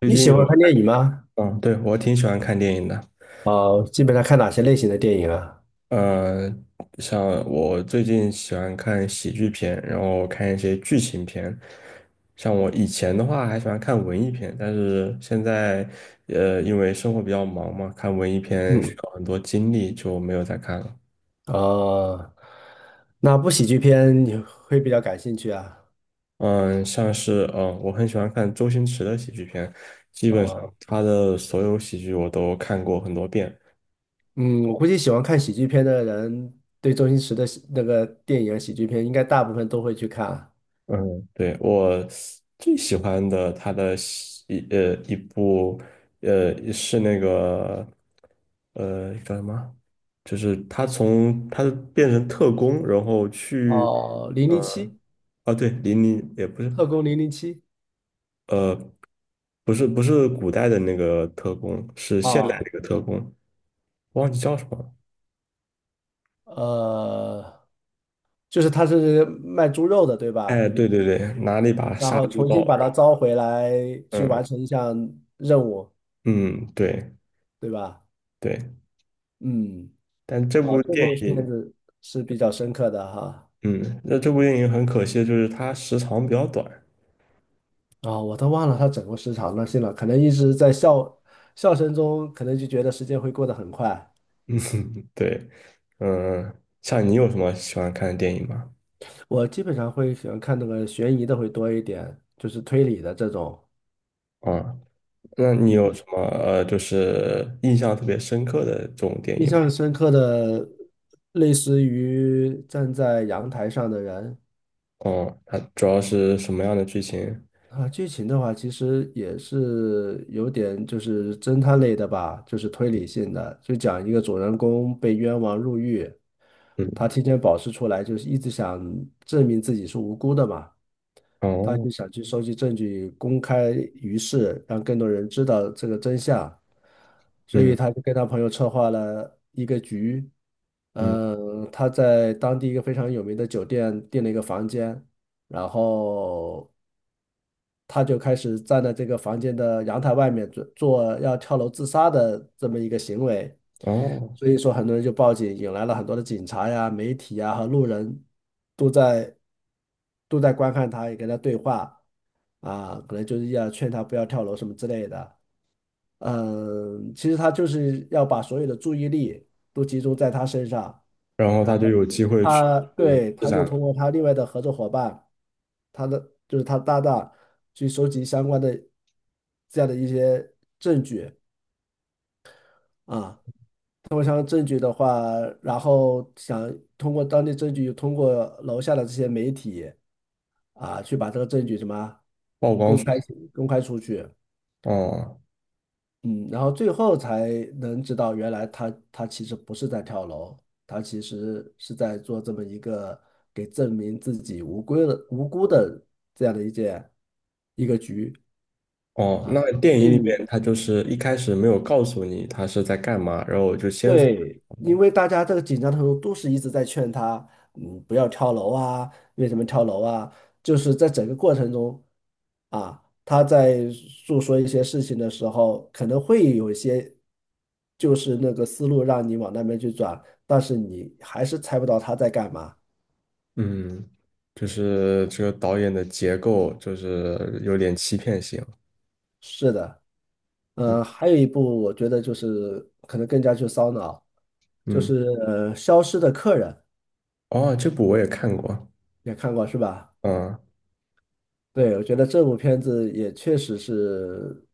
最你近喜欢有。看电影吗？嗯，对，我挺喜欢看电影的。啊，基本上看哪些类型的电影啊？嗯，像我最近喜欢看喜剧片，然后看一些剧情片。像我以前的话还喜欢看文艺片，但是现在，因为生活比较忙嘛，看文艺片需嗯，要很多精力，就没有再看了。啊，那部喜剧片你会比较感兴趣啊？嗯，像是，我很喜欢看周星驰的喜剧片，基本上啊，他的所有喜剧我都看过很多遍。嗯，我估计喜欢看喜剧片的人，对周星驰的喜那个电影啊喜剧片，应该大部分都会去看啊。嗯，对，我最喜欢的他的一部是那个，叫什么？就是他变成特工，然后去。哦，《零呃零七》啊，对，零零也不是。《特工零零七》呃不是，不是古代的那个特工，是现代啊，那个特工，忘记叫什么了。呃，就是他是卖猪肉的，对哎，吧？对对对，拿了一把然杀后猪重刀，新把然它后。招回来，去完嗯成一项任务，嗯，对对吧？对。嗯。但这啊，部这电部片影。子是比较深刻的哈。嗯，那这部电影很可惜，就是它时长比较短。啊、我都忘了它整个时长了，信了，可能一直在笑声中，可能就觉得时间会过得很快。对。嗯，像你有什么喜欢看的电影吗？我基本上会喜欢看那个悬疑的会多一点，就是推理的这种。啊，那你有嗯，什么就是印象特别深刻的这种电印影吗？象深刻的，类似于站在阳台上的人，哦，它主要是什么样的剧情？啊，剧情的话，其实也是有点就是侦探类的吧，就是推理性的，就讲一个主人公被冤枉入狱，嗯。他提前保释出来，就是一直想证明自己是无辜的嘛，他哦。就想去收集证据，公开于世，让更多人知道这个真相，所以嗯他就跟他朋友策划了一个局，嗯。嗯，他在当地一个非常有名的酒店订了一个房间。然后他就开始站在这个房间的阳台外面做要跳楼自杀的这么一个行为，哦，所以说很多人就报警，引来了很多的警察呀、媒体呀和路人都在都在观看他，也跟他对话啊，可能就是要劝他不要跳楼什么之类的。嗯，其实他就是要把所有的注意力都集中在他身上。然后然他就有机会去。他呃对，施他就展通了。过他另外的合作伙伴，他的就是他的搭档，去收集相关的这样的一些证据啊。通过相关证据的话，然后想通过当地证据，通过楼下的这些媒体啊，去把这个证据什么曝光公出开来。公开出去。哦嗯，然后最后才能知道，原来他其实不是在跳楼，他其实是在做这么一个给证明自己无辜的这样的一个局哦，啊。那电就影是里你面他就是一开始没有告诉你他是在干嘛，然后我就先说。对，因为大家这个紧张的时候都是一直在劝他，嗯，不要跳楼啊，为什么跳楼啊？就是在整个过程中，啊，他在诉说一些事情的时候，可能会有一些，就是那个思路让你往那边去转，但是你还是猜不到他在干嘛。嗯，就是这个导演的结构就是有点欺骗性。是的，还有一部我觉得就是可能更加去烧脑，就嗯。是消失的客人》，哦，这部我也看过。也看过是吧？嗯对，我觉得这部片子也确实是，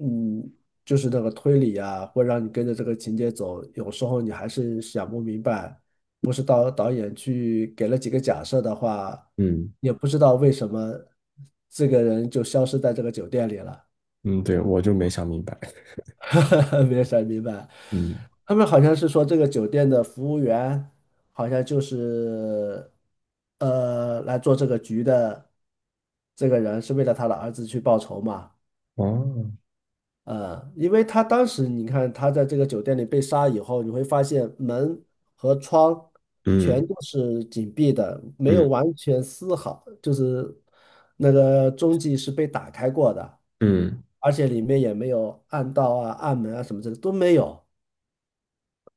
嗯，就是那个推理啊，会让你跟着这个情节走，有时候你还是想不明白，不是导演去给了几个假设的话，嗯也不知道为什么这个人就消失在这个酒店里了，嗯，对，我就没想明白。没有想明白。嗯。他们好像是说这个酒店的服务员好像就是来做这个局的这个人是为了他的儿子去报仇嘛。哦。因为他当时你看他在这个酒店里被杀以后，你会发现门和窗全嗯都是紧闭的，没有嗯完全丝毫，就是那个踪迹是被打开过的，嗯。而且里面也没有暗道啊、暗门啊什么之类的都没有，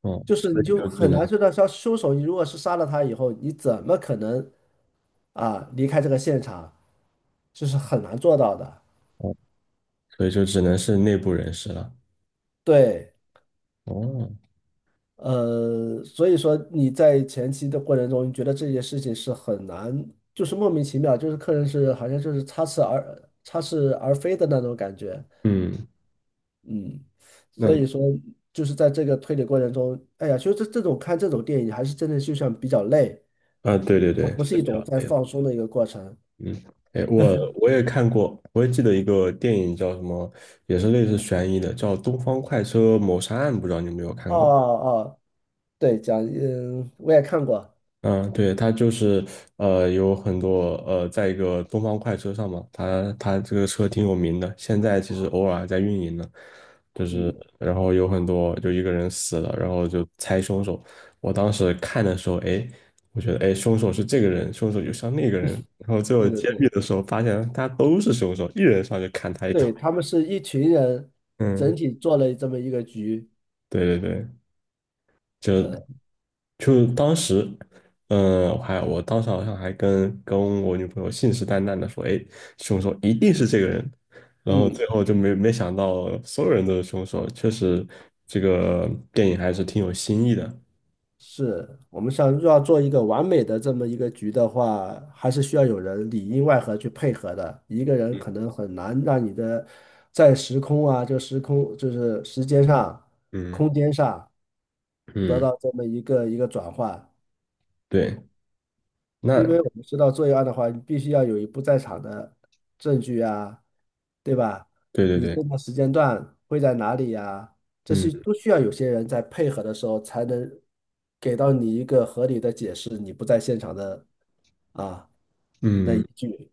哦，就是所你以就就只很能。难知道，像凶手，你如果是杀了他以后，你怎么可能啊离开这个现场？这是很难做到的。哦，所以就只能是内部人士了。对。哦。所以说你在前期的过程中，你觉得这件事情是很难，就是莫名其妙，就是客人是好像就是插翅而飞的那种感觉，嗯。嗯，所那。以说就是在这个推理过程中，哎呀，其实这种看这种电影还是真的就像比较累，啊，对对它对，不是是一比种较在累的。放松的一个过程。嗯，哎，我也看过，我也记得一个电影叫什么，也是类似悬疑的，叫《东方快车谋杀案》，不知道你有没有看哦过？哦，对，讲，嗯，我也看过，嗯，对，他就是有很多在一个东方快车上嘛，他这个车挺有名的，现在其实偶尔还在运营呢，就是嗯，然后有很多就一个人死了，然后就猜凶手。我当时看的时候，哎，我觉得哎，凶手是这个人，凶手就像那个人，然后最后对对揭秘对，的时候发现他都是凶手，一人上去砍他一刀。对，他们 是一群人整嗯，体做了这么一个局，对对对。就呃，就当时，嗯，我当时好像还跟我女朋友信誓旦旦的说，哎，凶手一定是这个人，然后嗯。最后就没想到所有人都是凶手，确实这个电影还是挺有新意的。是我们想要做一个完美的这么一个局的话，还是需要有人里应外合去配合的。一个人可能很难让你的在时空啊，就时空就是时间上、嗯空间上得嗯，到这么一个转换。对。因那。为我们知道作案的话，你必须要有一不在场的证据啊，对吧？对对你对。这个时间段会在哪里呀？这嗯些都需要有些人在配合的时候，才能给到你一个合理的解释，你不在现场的啊那依嗯，据。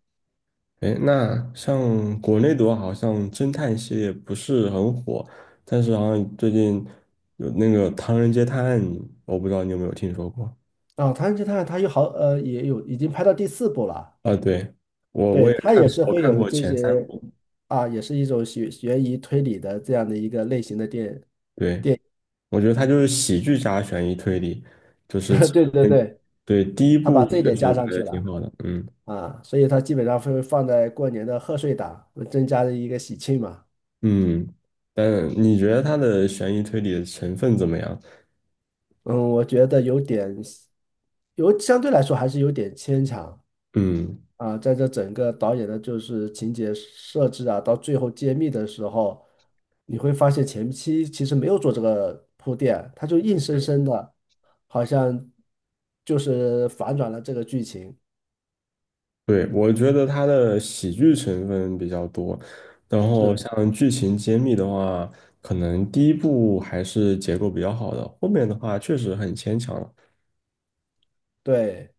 哎，那像国内的话，好像侦探系列不是很火，但是好像最近有那个《唐人街探案》，我不知道你有没有听说过。啊，《唐人街探案》它有也有已经拍到第四部了，啊，对，我我对，也它看，也是我会看有过这前三些部。啊，也是一种悬疑推理的这样的一个类型的电对，电，我觉得它就是喜剧加悬疑推理，就是 其对对实。对，对，第一它把部这一确点加实上拍去的了。挺好的。嗯啊，所以它基本上会放在过年的贺岁档，增加的一个喜庆嘛。嗯，但你觉得它的悬疑推理的成分怎么样？嗯，我觉得有点，有相对来说还是有点牵强嗯，啊。在这整个导演的就是情节设置啊，到最后揭秘的时候，你会发现前期其实没有做这个铺垫，他就硬生生的，好像就是反转了这个剧情。对，我觉得它的喜剧成分比较多，然后是，像剧情揭秘的话，可能第一部还是结构比较好的，后面的话确实很牵强了。对。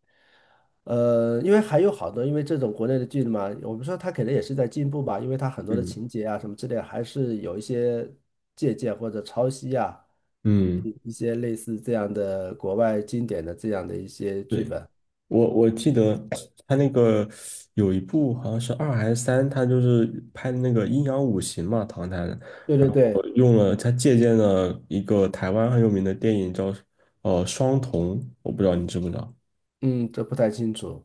因为还有好多，因为这种国内的剧嘛，我们说它可能也是在进步吧，因为它很多的嗯情节啊什么之类，还是有一些借鉴或者抄袭啊，嗯。一些类似这样的国外经典的这样的一些剧对。本。我记得 他那个有一部好像是二还是三，他就是拍的那个《阴阳五行》嘛，唐探。对对对，我用了他借鉴了一个台湾很有名的电影叫《双瞳》，我不知道你知不知道。嗯，这不太清楚。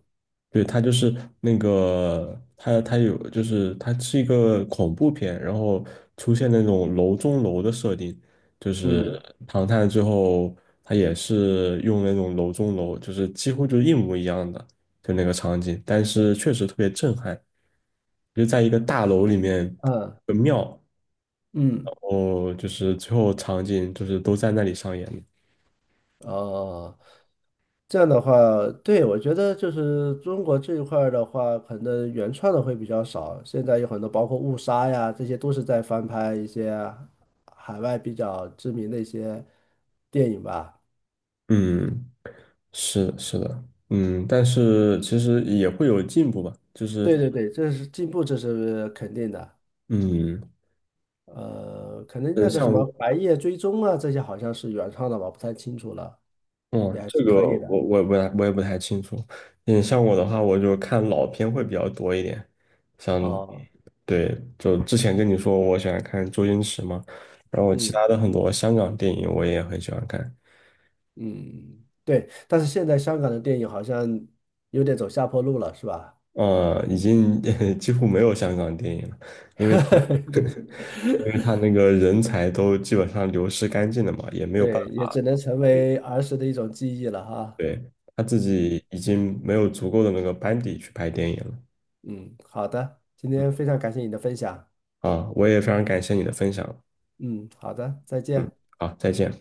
对，它就是那个，它有，就是它是一个恐怖片，然后出现那种楼中楼的设定，就是嗯唐探最后它也是用那种楼中楼，就是几乎就是一模一样的，就那个场景，但是确实特别震撼，就在一个大楼里面嗯的庙，嗯。然后就是最后场景就是都在那里上演的。哦，这样的话，对，我觉得就是中国这一块儿的话，可能原创的会比较少。现在有很多，包括误杀呀，这些都是在翻拍一些海外比较知名的一些电影吧。嗯，是的。嗯，但是其实也会有进步吧，就是。对对对，这是进步，这是肯定的。嗯，可能嗯，那个像什么我。《白夜追踪》啊，这些好像是原创的吧，不太清楚了，哦，也还这是个可以的。我也不太清楚。嗯，像我的话，我就看老片会比较多一点。像，哦，对，就之前跟你说我喜欢看周星驰嘛，然后其嗯。他的很多香港电影我也很喜欢看。嗯，对，但是现在香港的电影好像有点走下坡路了，是吧？已经 几乎没有香港电影了，因为他 因为他那个人才都基本上流失干净了嘛，也没有办对，也法只能成去。为儿时的一种记忆了哈。对，他自嗯，己已经没有足够的那个班底去拍电影了。嗯，好的，今天非常感谢你的分享。啊，我也非常感谢你的分享。嗯，好的，再嗯，见。好，再见。